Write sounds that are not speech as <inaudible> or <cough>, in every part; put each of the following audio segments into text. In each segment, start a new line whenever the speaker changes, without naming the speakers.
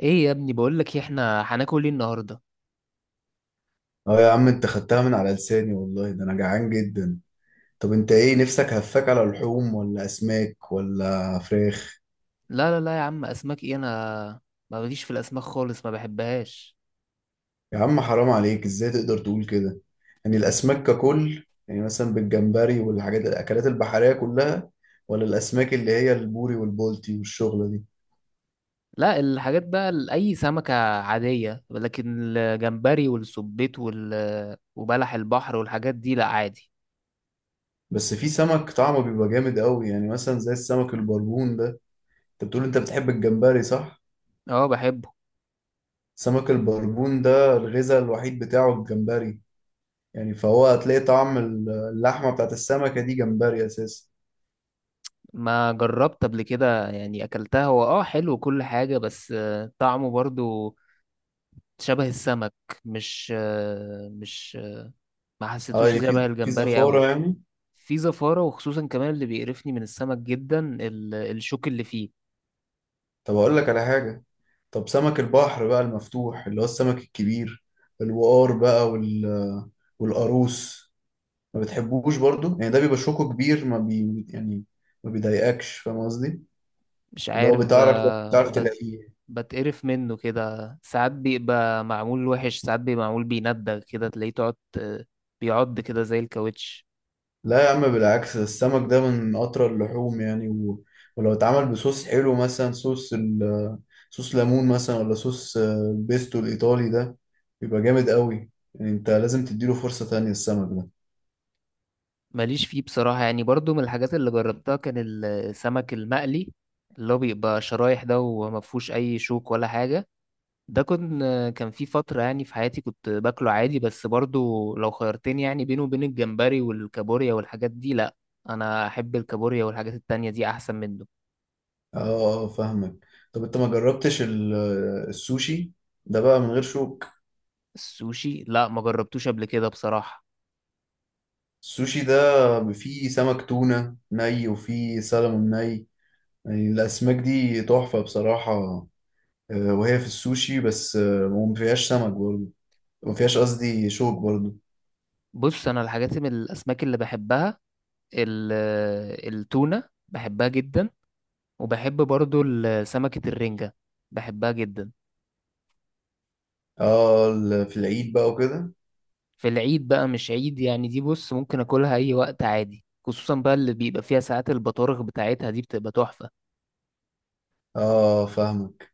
ايه يا ابني، بقول لك إيه، احنا هناكل ايه النهارده؟
اه يا عم، انت خدتها من على لساني. والله ده انا جعان جدا. طب انت ايه نفسك؟ هفاك على لحوم ولا اسماك ولا فراخ؟
لا لا لا يا عم، اسماك ايه انا؟ ما بديش في الاسماك خالص، ما بحبهاش.
يا عم حرام عليك، ازاي تقدر تقول كده؟ يعني الاسماك ككل يعني مثلا بالجمبري والحاجات الاكلات البحرية كلها، ولا الاسماك اللي هي البوري والبولتي والشغلة دي؟
لا الحاجات بقى اي سمكه عاديه، لكن الجمبري والسبيط وبلح البحر والحاجات دي لا عادي.
بس في سمك طعمه بيبقى جامد قوي، يعني مثلا زي السمك البربون ده. انت بتقول انت بتحب الجمبري، صح؟
اه بحبه.
سمك البربون ده الغذاء الوحيد بتاعه الجمبري، يعني فهو هتلاقي طعم اللحمة بتاعت السمكة دي جمبري أساسا.
ما جربت قبل كده يعني، اكلتها. هو اه حلو كل حاجه، بس طعمه برضو شبه السمك. مش آه، مش آه، ما
اه،
حسيتوش
يعني
زي بقى
في
الجمبري قوي.
زفارة يعني.
في زفارة، وخصوصا كمان اللي بيقرفني من السمك جدا الشوك اللي فيه.
طب أقول لك على حاجة، طب سمك البحر بقى المفتوح اللي هو السمك الكبير، الوقار بقى والقاروص، ما بتحبوش برضو؟ يعني ده بيبقى شوكه كبير، ما بي يعني ما بيضايقكش، فاهم قصدي؟
مش
اللي هو
عارف
بتعرف، بتعرف
بت...
تلاقيه.
بتقرف منه كده ساعات، بيبقى معمول وحش، ساعات بيبقى معمول بيندغ كده، تلاقيه تقعد بيعض كده زي الكاوتش.
لا يا عم، بالعكس، السمك ده من أطرى اللحوم يعني، ولو اتعمل بصوص حلو، مثلا صوص ليمون مثلا، ولا صوص البيستو الإيطالي ده، بيبقى جامد قوي. يعني أنت لازم تديله فرصة تانية السمك ده.
ماليش فيه بصراحة، يعني برضو من الحاجات اللي جربتها كان السمك المقلي، اللي هو بيبقى شرايح ده ومفهوش أي شوك ولا حاجة. ده كان في فترة يعني في حياتي كنت باكله عادي، بس برضو لو خيرتني يعني بينه وبين الجمبري والكابوريا والحاجات دي لا. انا احب الكابوريا والحاجات التانية دي احسن منه.
فاهمك. طب أنت ما جربتش ال... آه، السوشي؟ ده بقى من غير شوك.
السوشي لا، ما جربتوش قبل كده بصراحة.
السوشي ده فيه سمك تونة ني، وفيه سلمون ني، يعني الأسماك دي تحفة بصراحة. وهي في السوشي بس، وما فيهاش سمك برضه، ما فيهاش قصدي شوك برضو.
بص، انا الحاجات من الاسماك اللي بحبها، ال- التونة بحبها جدا، وبحب برضو سمكة الرنجة، بحبها جدا.
اه، في العيد بقى وكده.
في العيد بقى؟ مش عيد يعني، دي بص ممكن اكلها اي وقت عادي، خصوصا بقى اللي بيبقى فيها ساعات البطارخ بتاعتها دي، بتبقى تحفة.
اه فاهمك.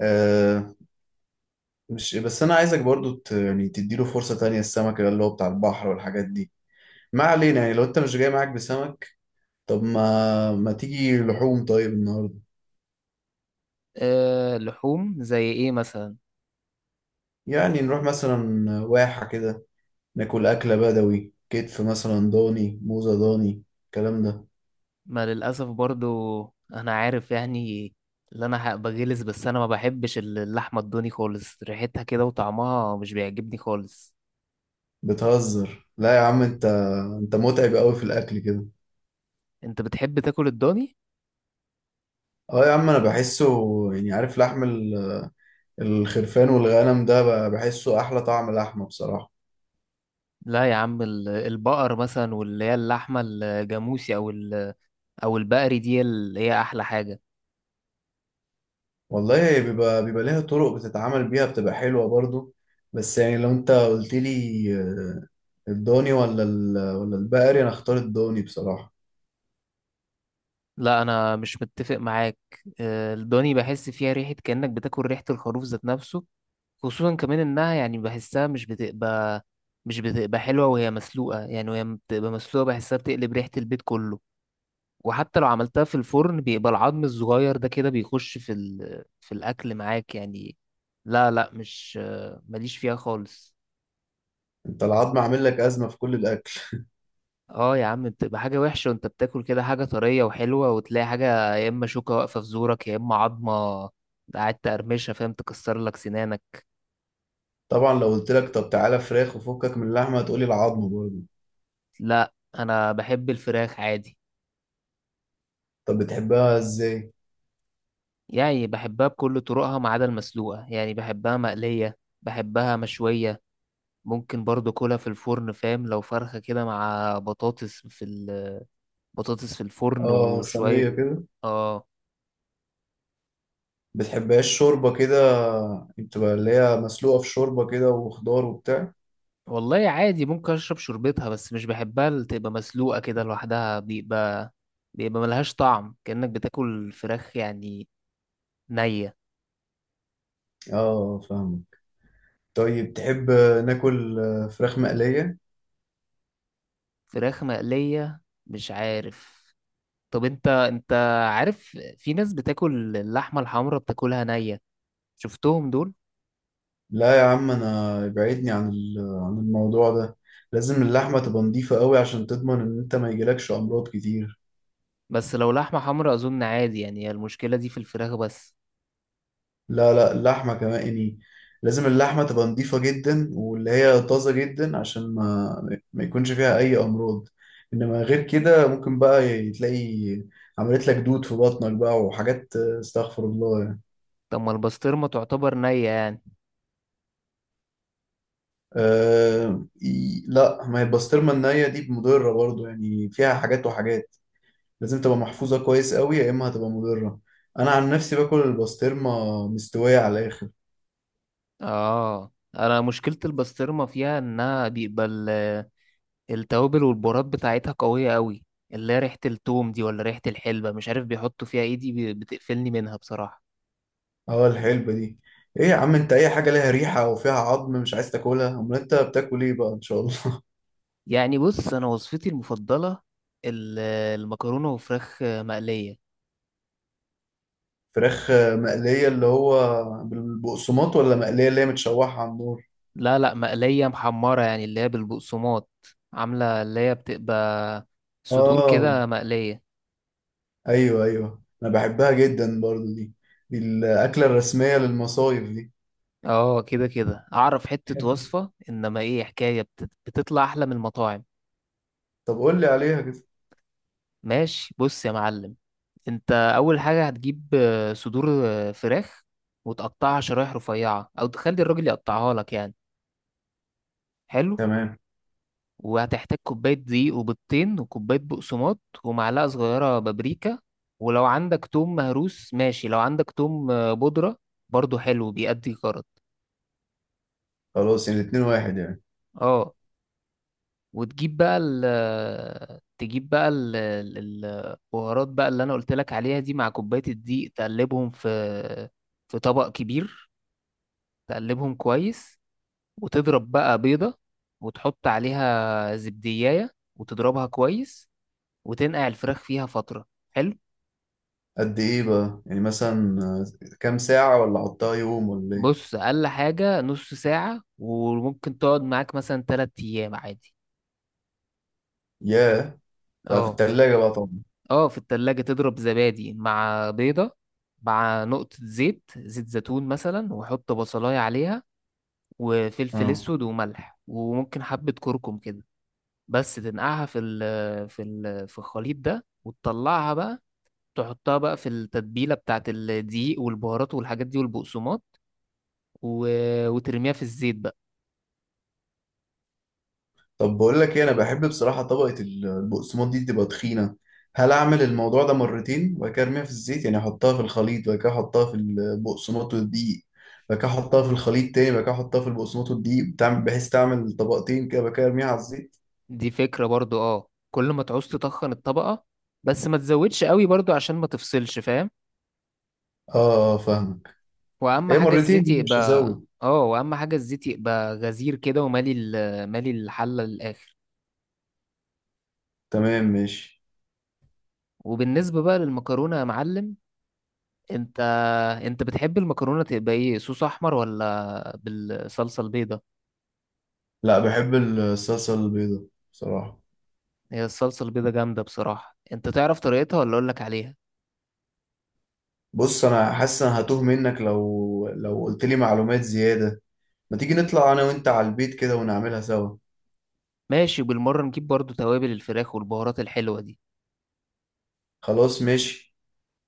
آه. مش بس انا عايزك برضو يعني تديله فرصة تانية السمك اللي هو بتاع البحر والحاجات دي. ما علينا، يعني لو انت مش جاي معاك بسمك، طب ما تيجي لحوم طيب النهارده؟
أه لحوم زي ايه مثلا؟
يعني نروح مثلا واحة كده، ناكل أكلة بدوي، كتف مثلا، ضاني موزة، ضاني، الكلام ده.
ما للاسف برضو، انا عارف يعني اللي انا بغلس، بس انا ما بحبش اللحمه الضاني خالص، ريحتها كده وطعمها مش بيعجبني خالص.
بتهزر؟ لا يا عم انت، انت متعب قوي في الأكل كده.
انت بتحب تاكل الضاني؟
اه يا عم، انا بحسه، يعني عارف لحم الخرفان والغنم ده بحسه احلى طعم لحمه بصراحه.
لا يا عم، البقر مثلا، واللي هي اللحمه الجاموسي او او البقري دي، اللي هي احلى حاجه.
والله هي بيبقى ليها طرق بتتعمل بيها بتبقى حلوه برضو، بس يعني لو انت قلت لي آه، الضاني ولا ولا البقري، انا اختار الضاني بصراحه.
لا انا مش متفق معاك. أه الضاني بحس فيها ريحه، كانك بتاكل ريحه الخروف ذات نفسه. خصوصا كمان انها يعني بحسها مش بتبقى حلوة وهي مسلوقة، يعني وهي بتبقى مسلوقة بحسها بتقلب ريحة البيت كله. وحتى لو عملتها في الفرن بيبقى العظم الصغير ده كده بيخش في في الأكل معاك يعني. لا لا مش ماليش فيها خالص.
انت العظم عامل لك ازمه في كل الاكل.
اه يا عم بتبقى حاجة وحشة، وانت بتاكل كده حاجة طرية وحلوة، وتلاقي حاجة يا اما شوكة واقفة في زورك يا اما عظمة قاعد تقرمشها، فاهم، تكسر لك سنانك.
طبعا لو قلت لك طب تعالى فراخ وفكك من اللحمه، هتقولي العظم برضو.
لا، انا بحب الفراخ عادي.
طب بتحبها ازاي؟
يعني بحبها بكل طرقها ما عدا المسلوقة، يعني بحبها مقلية، بحبها مشوية. ممكن برضو كلها في الفرن، فاهم، لو فرخة كده مع بطاطس في بطاطس في الفرن
اه
وشوية.
صينيه كده.
اه
بتحبهاش شوربه كده؟ بتبقى اللي هي مسلوقه في شوربه كده وخضار وبتاع.
والله عادي، ممكن اشرب شوربتها، بس مش بحبها اللي تبقى مسلوقة كده لوحدها، بيبقى ملهاش طعم، كأنك بتاكل فراخ يعني نية.
اه فاهمك. طيب تحب ناكل فراخ مقلية؟
فراخ مقلية؟ مش عارف. طب انت عارف في ناس بتاكل اللحمة الحمرا بتاكلها نية؟ شفتهم دول؟
لا يا عم، أنا ابعدني عن عن الموضوع ده، لازم اللحمة تبقى نضيفة قوي عشان تضمن إن أنت ما يجيلكش أمراض كتير.
بس لو لحمة حمرا أظن عادي، يعني هي المشكلة دي في الفراخ بس.
لا لا، اللحمة كمان يعني لازم اللحمة تبقى نضيفة جدا، واللي هي طازة جدا، عشان ما يكونش فيها أي أمراض. إنما غير كده ممكن بقى تلاقي عملت لك دود في بطنك بقى وحاجات، استغفر الله.
طب ما البسطرمة تعتبر نية يعني؟
لا، ما هي البسطرمة النية دي مضرة برضو، يعني فيها حاجات وحاجات، لازم تبقى محفوظة كويس قوي، يا إما هتبقى مضرة. أنا عن نفسي باكل البسطرمة مستوية على الآخر.
آه، أنا مشكلة البسطرمة فيها إنها بيبقى التوابل والبهارات بتاعتها قوية أوي، اللي هي ريحة التوم دي ولا ريحة الحلبة، مش عارف بيحطوا فيها إيه، دي بتقفلني منها بصراحة.
اه الحلبة دي؟ إيه يا عم أنت، أي حاجة ليها ريحة وفيها عظم مش عايز تاكلها، أمال أنت بتاكل إيه بقى إن شاء الله؟
يعني بص أنا وصفتي المفضلة، ال- المكرونة وفراخ مقلية.
<laughs> فراخ مقلية، اللي هو بالبقسماط ولا مقلية اللي هي متشوحة على النار؟
لا لا، مقلية محمرة، يعني اللي هي بالبقسماط، عاملة اللي هي بتبقى صدور كده
آه.
مقلية.
أيوه، أيوه، أنا بحبها جدا برضو دي، دي الأكلة الرسمية للمصايف دي.
اه كده كده، اعرف حتة وصفة، انما ايه حكاية، بتطلع احلى من المطاعم.
طب قول لي عليها كده.
ماشي بص يا معلم، انت اول حاجة هتجيب صدور فراخ، وتقطعها شرايح رفيعة او تخلي الراجل يقطعها لك يعني. حلو.
تمام.
وهتحتاج كوباية دقيق وبيضتين وكوباية بقسماط ومعلقة صغيرة بابريكا، ولو عندك توم مهروس ماشي، لو عندك توم بودرة برضو حلو، بيأدي غرض.
خلاص، يعني اتنين واحد يعني.
اه. وتجيب بقى ال تجيب بقى ال- ال- البهارات بقى اللي انا قلت لك عليها دي مع كوباية الدقيق، تقلبهم في في طبق كبير، تقلبهم كويس، وتضرب بقى بيضة وتحط عليها زبدية، وتضربها كويس، وتنقع الفراخ فيها فترة. حلو.
قد ايه بقى، يعني مثلا كام ساعة؟ ولا حطها يوم؟ ولا ايه؟
بص، اقل حاجه نص ساعه، وممكن تقعد معاك مثلا تلات ايام عادي.
ياه، ده في
اه.
التلاجة بقى طبعا.
اه، في التلاجة تضرب زبادي مع بيضه، مع نقطه زيت زيتون مثلا، وحط بصلايه عليها وفلفل
اه.
اسود وملح، وممكن حبه كركم كده. بس تنقعها في ال في ال في الخليط ده، وتطلعها بقى، تحطها بقى في التتبيله بتاعت الدقيق والبهارات والحاجات دي والبقسماط، و... وترميها في الزيت بقى.
طب بقول لك ايه، انا بحب بصراحة طبقة البقسماط دي تبقى تخينة. هل اعمل الموضوع ده مرتين وبعد كده ارميها في الزيت؟ يعني احطها في الخليط وبعد كده احطها في البقسماط والدقيق، وبعد كده احطها في الخليط تاني، وبعد كده احطها في البقسماط والدقيق، بتعمل بحيث تعمل طبقتين كده، وبعد كده ارميها على الزيت.
دي فكرة برضو، اه، كل ما تعوز تطخن الطبقة، بس ما تزودش قوي برضو عشان ما تفصلش، فاهم.
اه فاهمك.
واهم
ايه
حاجة
مرتين،
الزيت
مش
يبقى
هزود.
غزير كده، ومالي مالي الحلة للآخر.
تمام ماشي.
وبالنسبة بقى للمكرونة يا معلم، انت انت بتحب المكرونة تبقى ايه، صوص احمر ولا بالصلصة البيضة؟
لا، بحب الصلصة البيضاء بصراحة.
هي الصلصة البيضة جامدة بصراحة، انت تعرف طريقتها ولا اقولك عليها؟
بص انا حاسس انا هتوه منك لو قلت لي معلومات زيادة. ما تيجي نطلع انا وانت على البيت كده ونعملها سوا؟
ماشي، وبالمرة نجيب برضو توابل الفراخ والبهارات الحلوة دي.
خلاص ماشي.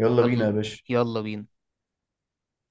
يلا بينا
يلا،
يا باشا.
يلا بينا.